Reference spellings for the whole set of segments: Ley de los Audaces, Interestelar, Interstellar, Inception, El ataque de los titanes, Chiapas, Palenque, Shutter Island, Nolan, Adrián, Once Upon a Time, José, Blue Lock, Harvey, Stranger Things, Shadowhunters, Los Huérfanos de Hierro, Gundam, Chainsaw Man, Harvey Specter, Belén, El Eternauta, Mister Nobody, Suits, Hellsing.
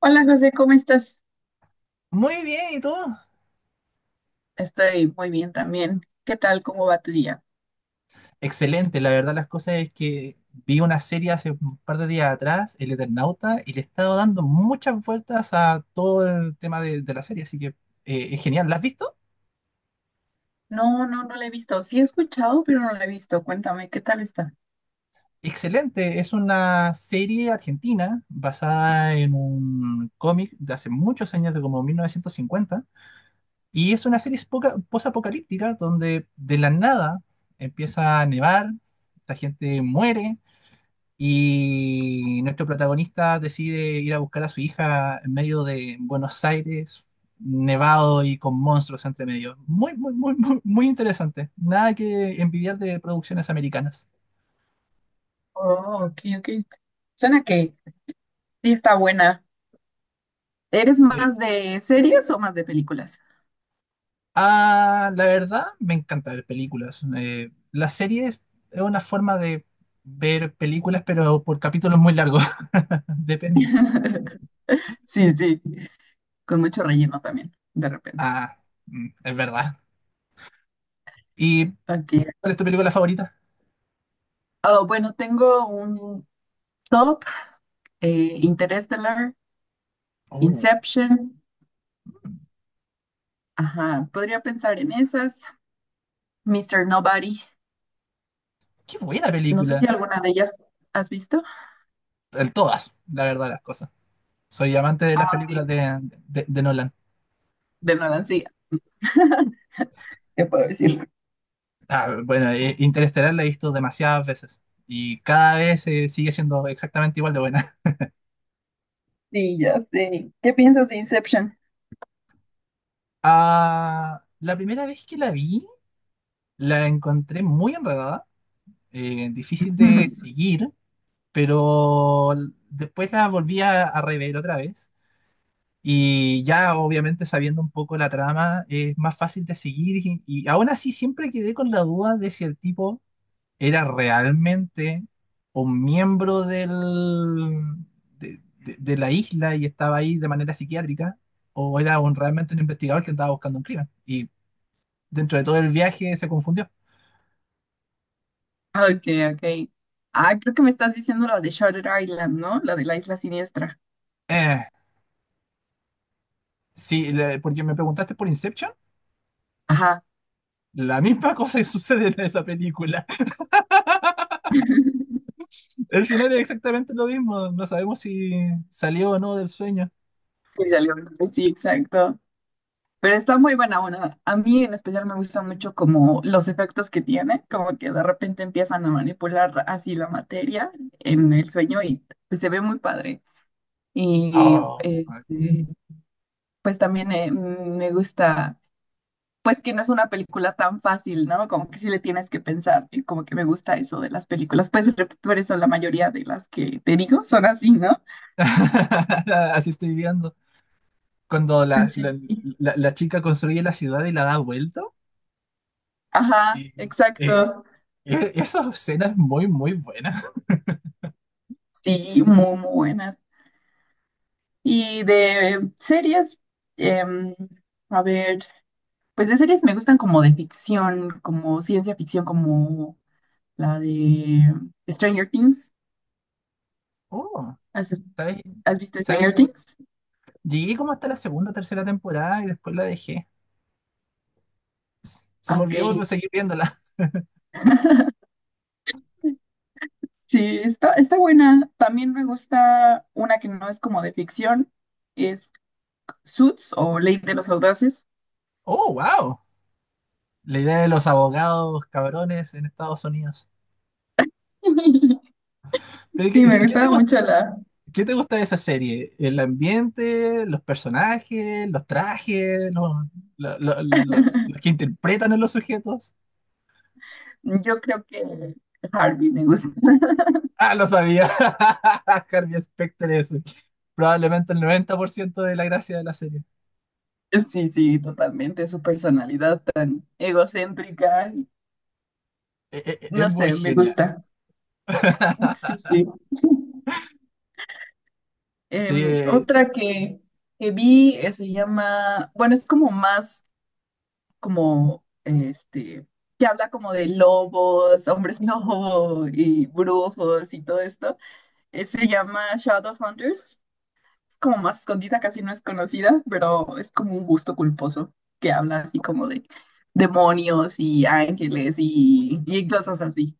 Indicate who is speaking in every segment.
Speaker 1: Hola José, ¿cómo estás?
Speaker 2: Muy bien, ¿y tú?
Speaker 1: Estoy muy bien también. ¿Qué tal? ¿Cómo va tu día?
Speaker 2: Excelente, la verdad las cosas es que vi una serie hace un par de días atrás, El Eternauta, y le he estado dando muchas vueltas a todo el tema de la serie, así que es genial. ¿La has visto?
Speaker 1: No, no, no la he visto. Sí he escuchado, pero no la he visto. Cuéntame, ¿qué tal está?
Speaker 2: Excelente, es una serie argentina basada en un cómic de hace muchos años, de como 1950, y es una serie posapocalíptica donde de la nada empieza a nevar, la gente muere. Y nuestro protagonista decide ir a buscar a su hija en medio de Buenos Aires, nevado y con monstruos entre medio. Muy, muy, muy, muy, muy interesante. Nada que envidiar de producciones americanas.
Speaker 1: Oh, ok, ok. Suena que sí está buena. ¿Eres
Speaker 2: Eh,
Speaker 1: más de series o más de películas?
Speaker 2: la verdad, me encanta ver películas. La serie es una forma de ver películas, pero por capítulos muy largos. Depende.
Speaker 1: Sí, sí, con mucho relleno también, de repente.
Speaker 2: Ah, es verdad. ¿Y
Speaker 1: Ok.
Speaker 2: cuál es tu película favorita?
Speaker 1: Oh, bueno, tengo un top, Interstellar,
Speaker 2: Oh,
Speaker 1: Inception. Ajá, podría pensar en esas. Mister Nobody.
Speaker 2: qué buena
Speaker 1: No sé si
Speaker 2: película.
Speaker 1: alguna de ellas has visto.
Speaker 2: El todas, la verdad, las cosas. Soy amante de las películas de Nolan.
Speaker 1: De Nolan, sí. ¿Qué puedo decir?
Speaker 2: Ah, bueno, Interestelar la he visto demasiadas veces, y cada vez sigue siendo exactamente igual de buena.
Speaker 1: Sí, ya sé. ¿Qué piensas de Inception?
Speaker 2: Ah, la primera vez que la vi, la encontré muy enredada, difícil de seguir, pero después la volví a rever otra vez. Y ya obviamente sabiendo un poco la trama es más fácil de seguir, y aún así siempre quedé con la duda de si el tipo era realmente un miembro de la isla y estaba ahí de manera psiquiátrica, o era realmente un investigador que andaba buscando un crimen. Y dentro de todo el viaje se confundió.
Speaker 1: Ok, ok. Ah, creo que me estás diciendo la de Shutter Island, ¿no? La de la isla siniestra.
Speaker 2: Eh, sí, porque me preguntaste por Inception.
Speaker 1: Ajá,
Speaker 2: La misma cosa que sucede en esa película. El final es exactamente lo mismo. No sabemos si salió o no del sueño.
Speaker 1: que salió. Sí, exacto. Pero está muy buena una. A mí en especial me gusta mucho como los efectos que tiene, como que de repente empiezan a manipular así la materia en el sueño y pues, se ve muy padre. Y
Speaker 2: Oh.
Speaker 1: este, pues también me gusta pues que no es una película tan fácil, ¿no? Como que sí le tienes que pensar, y como que me gusta eso de las películas. Pues por eso la mayoría de las que te digo son así, ¿no?
Speaker 2: Así estoy viendo. Cuando la,
Speaker 1: Sí.
Speaker 2: la-
Speaker 1: Sí.
Speaker 2: la- la chica construye la ciudad y la da vuelta.
Speaker 1: Ajá,
Speaker 2: Y, eh,
Speaker 1: exacto.
Speaker 2: e- esa escena es muy, muy buena.
Speaker 1: Sí, muy, muy buenas. Y de series, em, a ver, pues de series me gustan como de ficción, como ciencia ficción, como la de Stranger Things.
Speaker 2: Oh,
Speaker 1: ¿Has,
Speaker 2: ¿sabes?
Speaker 1: has visto Stranger
Speaker 2: ¿Sabes?
Speaker 1: Things?
Speaker 2: Llegué como hasta la segunda, tercera temporada y después la dejé. Se
Speaker 1: Ah,
Speaker 2: me
Speaker 1: ok.
Speaker 2: olvidó seguir viéndola.
Speaker 1: Sí, está, está buena. También me gusta una que no es como de ficción, es Suits o Ley de los Audaces.
Speaker 2: Oh, wow. La idea de los abogados cabrones en Estados Unidos. Pero ¿qué,
Speaker 1: Sí, me
Speaker 2: qué- qué te
Speaker 1: gustaba
Speaker 2: gusta,
Speaker 1: mucho la...
Speaker 2: qué te gusta de esa serie? ¿El ambiente, los personajes, los trajes, los, lo- los que interpretan a los sujetos?
Speaker 1: Yo creo que Harvey me gusta.
Speaker 2: Ah, lo sabía. Harvey Specter es probablemente el 90% de la gracia de la serie.
Speaker 1: Sí, sí, totalmente. Su personalidad tan egocéntrica.
Speaker 2: Es
Speaker 1: No sé,
Speaker 2: muy
Speaker 1: me
Speaker 2: genial.
Speaker 1: gusta. Sí, sí.
Speaker 2: Sí,
Speaker 1: Otra que vi se llama, bueno, es como más como, este, que habla como de lobos, hombres lobo y brujos y todo esto. Se llama Shadowhunters. Es como más escondida, casi no es conocida, pero es como un gusto culposo que habla así como de demonios y ángeles y cosas así.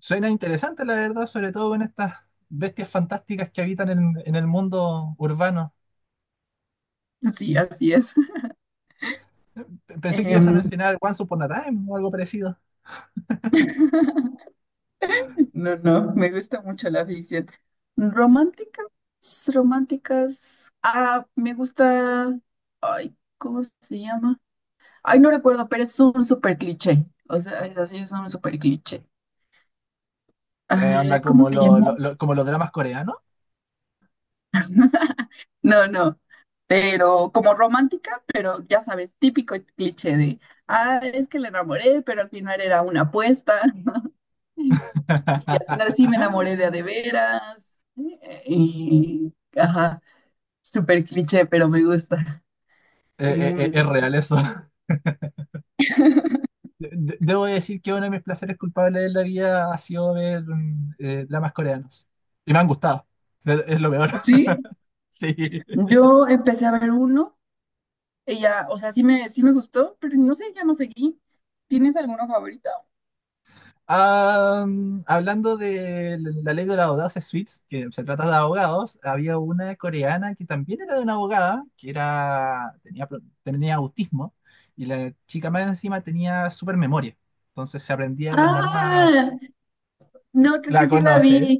Speaker 2: suena interesante, la verdad, sobre todo en estas bestias fantásticas que habitan en el mundo urbano.
Speaker 1: Sí, así es.
Speaker 2: Pensé que ibas a
Speaker 1: Em,
Speaker 2: mencionar Once Upon a Time o algo parecido.
Speaker 1: no, no, me gusta mucho la ficción. Romántica. Románticas. Ah, me gusta. Ay, ¿cómo se llama? Ay, no recuerdo, pero es un super cliché. O sea, es así, es un super cliché.
Speaker 2: Eh,
Speaker 1: Ah,
Speaker 2: anda
Speaker 1: ¿cómo
Speaker 2: como,
Speaker 1: se llama?
Speaker 2: lo- como los dramas coreanos.
Speaker 1: No, no. Pero como romántica, pero ya sabes, típico cliché de, ah, es que le enamoré, pero al final era una apuesta. Y al final sí me enamoré de a de veras. Y, ajá, súper cliché, pero me gusta.
Speaker 2: Eh,
Speaker 1: Y,
Speaker 2: es
Speaker 1: mm,
Speaker 2: real eso. Debo decir que uno de mis placeres culpables de la vida ha sido ver dramas coreanos. Y me han gustado. Es lo peor.
Speaker 1: sí,
Speaker 2: Sí.
Speaker 1: yo empecé a ver uno. Ella, o sea, sí me gustó, pero no sé, ya no seguí. ¿Tienes alguno favorito?
Speaker 2: Ah, hablando de la ley de los abogados Suits, que se trata de abogados, había una coreana que también era de una abogada, que tenía autismo, y la chica más encima tenía super memoria. Entonces se aprendía las normas.
Speaker 1: Ah, no, creo que
Speaker 2: ¿La
Speaker 1: sí la
Speaker 2: conoces?
Speaker 1: vi.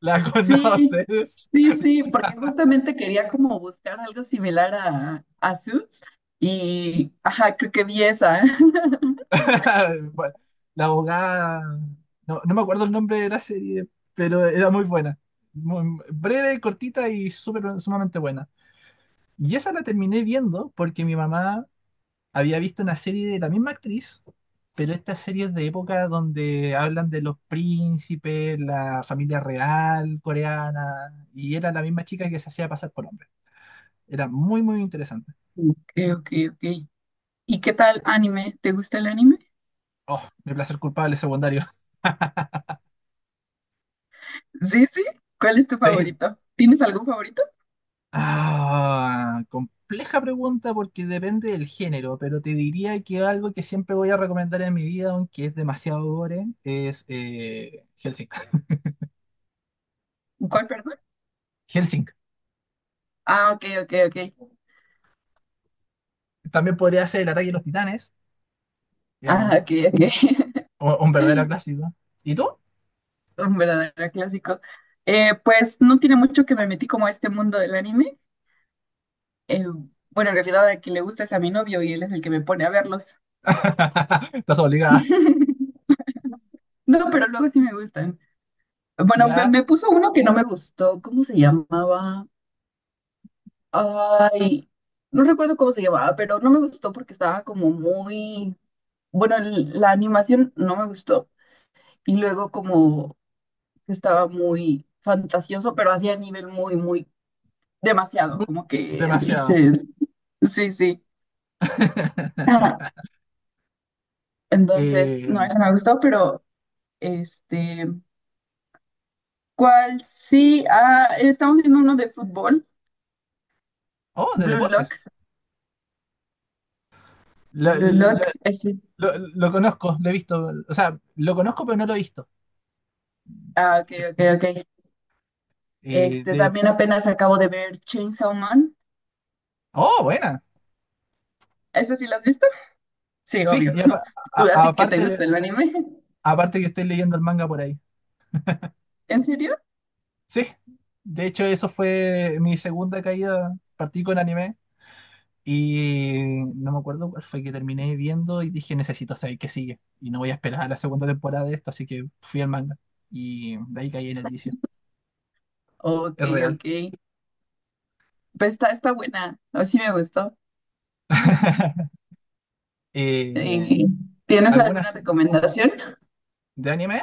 Speaker 2: ¿La
Speaker 1: Sí,
Speaker 2: conoces?
Speaker 1: sí, sí, porque justamente quería como buscar algo similar a Suits y, ajá, creo que vi esa.
Speaker 2: La abogada, no, no me acuerdo el nombre de la serie, pero era muy buena. Breve, cortita y súper, sumamente buena. Y esa la terminé viendo porque mi mamá había visto una serie de la misma actriz, pero esta serie es de época donde hablan de los príncipes, la familia real coreana, y era la misma chica que se hacía pasar por hombre. Era muy, muy interesante.
Speaker 1: Ok, ok, ok. ¿Y qué tal anime? ¿Te gusta el anime?
Speaker 2: Oh, mi placer culpable secundario.
Speaker 1: Sí, sí. ¿Cuál es tu
Speaker 2: Sí,
Speaker 1: favorito? ¿Tienes algún favorito?
Speaker 2: ah, compleja pregunta porque depende del género, pero te diría que algo que siempre voy a recomendar en mi vida, aunque es demasiado gore, es Hellsing.
Speaker 1: ¿Cuál, perdón?
Speaker 2: Hellsing.
Speaker 1: Ah, ok, ok, ok.
Speaker 2: También podría ser El ataque de los titanes, que es
Speaker 1: Ah,
Speaker 2: un,
Speaker 1: ok, ok.
Speaker 2: un- un verdadero clásico. ¿Y tú?
Speaker 1: Un verdadero clásico. Pues no tiene mucho que me metí como a este mundo del anime. Eh, bueno, en realidad a quien le gusta es a mi novio y él es el que me pone a verlos.
Speaker 2: Estás obligada.
Speaker 1: No, pero luego sí me gustan. Bueno, me,
Speaker 2: ¿Ya?
Speaker 1: me puso uno que no me gustó. ¿Cómo se llamaba? Ay, no recuerdo cómo se llamaba, pero no me gustó porque estaba como muy... Bueno, la animación no me gustó. Y luego como que estaba muy fantasioso, pero hacía nivel muy, muy demasiado. Como que sí
Speaker 2: Demasiado.
Speaker 1: se... Sí, sí. Ah. Entonces,
Speaker 2: Eh,
Speaker 1: no, eso me gustó, pero este... ¿Cuál? Sí, ah, estamos viendo uno de fútbol,
Speaker 2: oh, de
Speaker 1: Blue
Speaker 2: deportes.
Speaker 1: Lock,
Speaker 2: Lo,
Speaker 1: Blue
Speaker 2: lo-
Speaker 1: Lock, ese,
Speaker 2: lo conozco, lo he visto. O sea, lo conozco, pero no lo he visto.
Speaker 1: ah, ok, ok, ok.
Speaker 2: Eh,
Speaker 1: Este,
Speaker 2: de,
Speaker 1: también apenas acabo de ver Chainsaw Man,
Speaker 2: oh, buena.
Speaker 1: ¿ese sí lo has visto? Sí,
Speaker 2: Sí,
Speaker 1: obvio.
Speaker 2: y
Speaker 1: ¿Tú
Speaker 2: a-
Speaker 1: a
Speaker 2: a-
Speaker 1: ti que te
Speaker 2: aparte,
Speaker 1: gusta el anime?
Speaker 2: aparte que estoy leyendo el manga por ahí.
Speaker 1: ¿En serio?
Speaker 2: Sí, de hecho eso fue mi segunda caída, partí con anime y no me acuerdo cuál fue que terminé viendo y dije necesito saber qué sigue y no voy a esperar a la segunda temporada de esto, así que fui al manga y de ahí caí en el vicio.
Speaker 1: Ok,
Speaker 2: Es real.
Speaker 1: ok, pues está, está buena, o sí me gustó.
Speaker 2: Eh,
Speaker 1: Eh, ¿Tienes alguna
Speaker 2: ¿Algunas
Speaker 1: recomendación?
Speaker 2: de anime?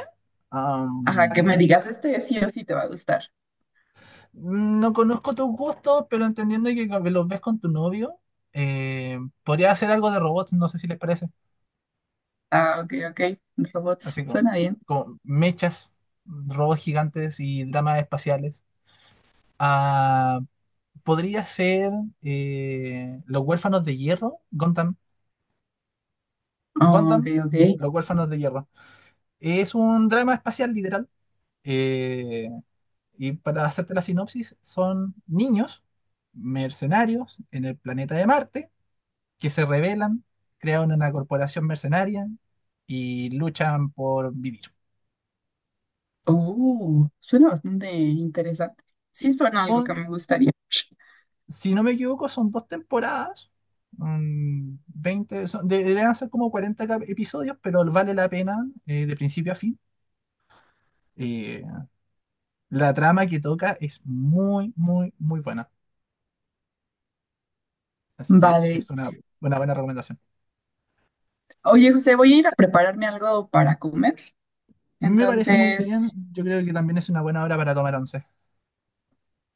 Speaker 1: Ajá, que me
Speaker 2: Um,
Speaker 1: digas, este sí o sí te va a gustar.
Speaker 2: No conozco tus gustos, pero entendiendo que los ves con tu novio, podría hacer algo de robots, no sé si les parece.
Speaker 1: Ah, ok, ok, robots,
Speaker 2: Así como,
Speaker 1: suena bien.
Speaker 2: como mechas, robots gigantes y dramas espaciales. Ah, podría ser Los Huérfanos de Hierro, Gundam,
Speaker 1: Ah, ok,
Speaker 2: Gundam,
Speaker 1: ok.
Speaker 2: Los Huérfanos de Hierro. Es un drama espacial literal. eh, y para hacerte la sinopsis, son niños mercenarios en el planeta de Marte que se rebelan, crean una corporación mercenaria y luchan por vivir.
Speaker 1: Oh, suena bastante interesante. Sí, suena algo que
Speaker 2: Son,
Speaker 1: me gustaría.
Speaker 2: si no me equivoco, son dos temporadas, 20, deberían ser como 40 episodios, pero vale la pena de principio a fin. Eh, la trama que toca es muy, muy, muy buena. Así que
Speaker 1: Vale.
Speaker 2: es una buena recomendación.
Speaker 1: Oye, José, voy a ir a prepararme algo para comer.
Speaker 2: Me parece muy bien.
Speaker 1: Entonces,
Speaker 2: Yo creo que también es una buena hora para tomar once.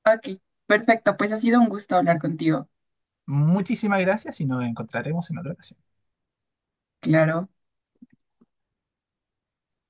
Speaker 1: ok, perfecto. Pues ha sido un gusto hablar contigo.
Speaker 2: Muchísimas gracias y nos encontraremos en otra ocasión.
Speaker 1: Claro.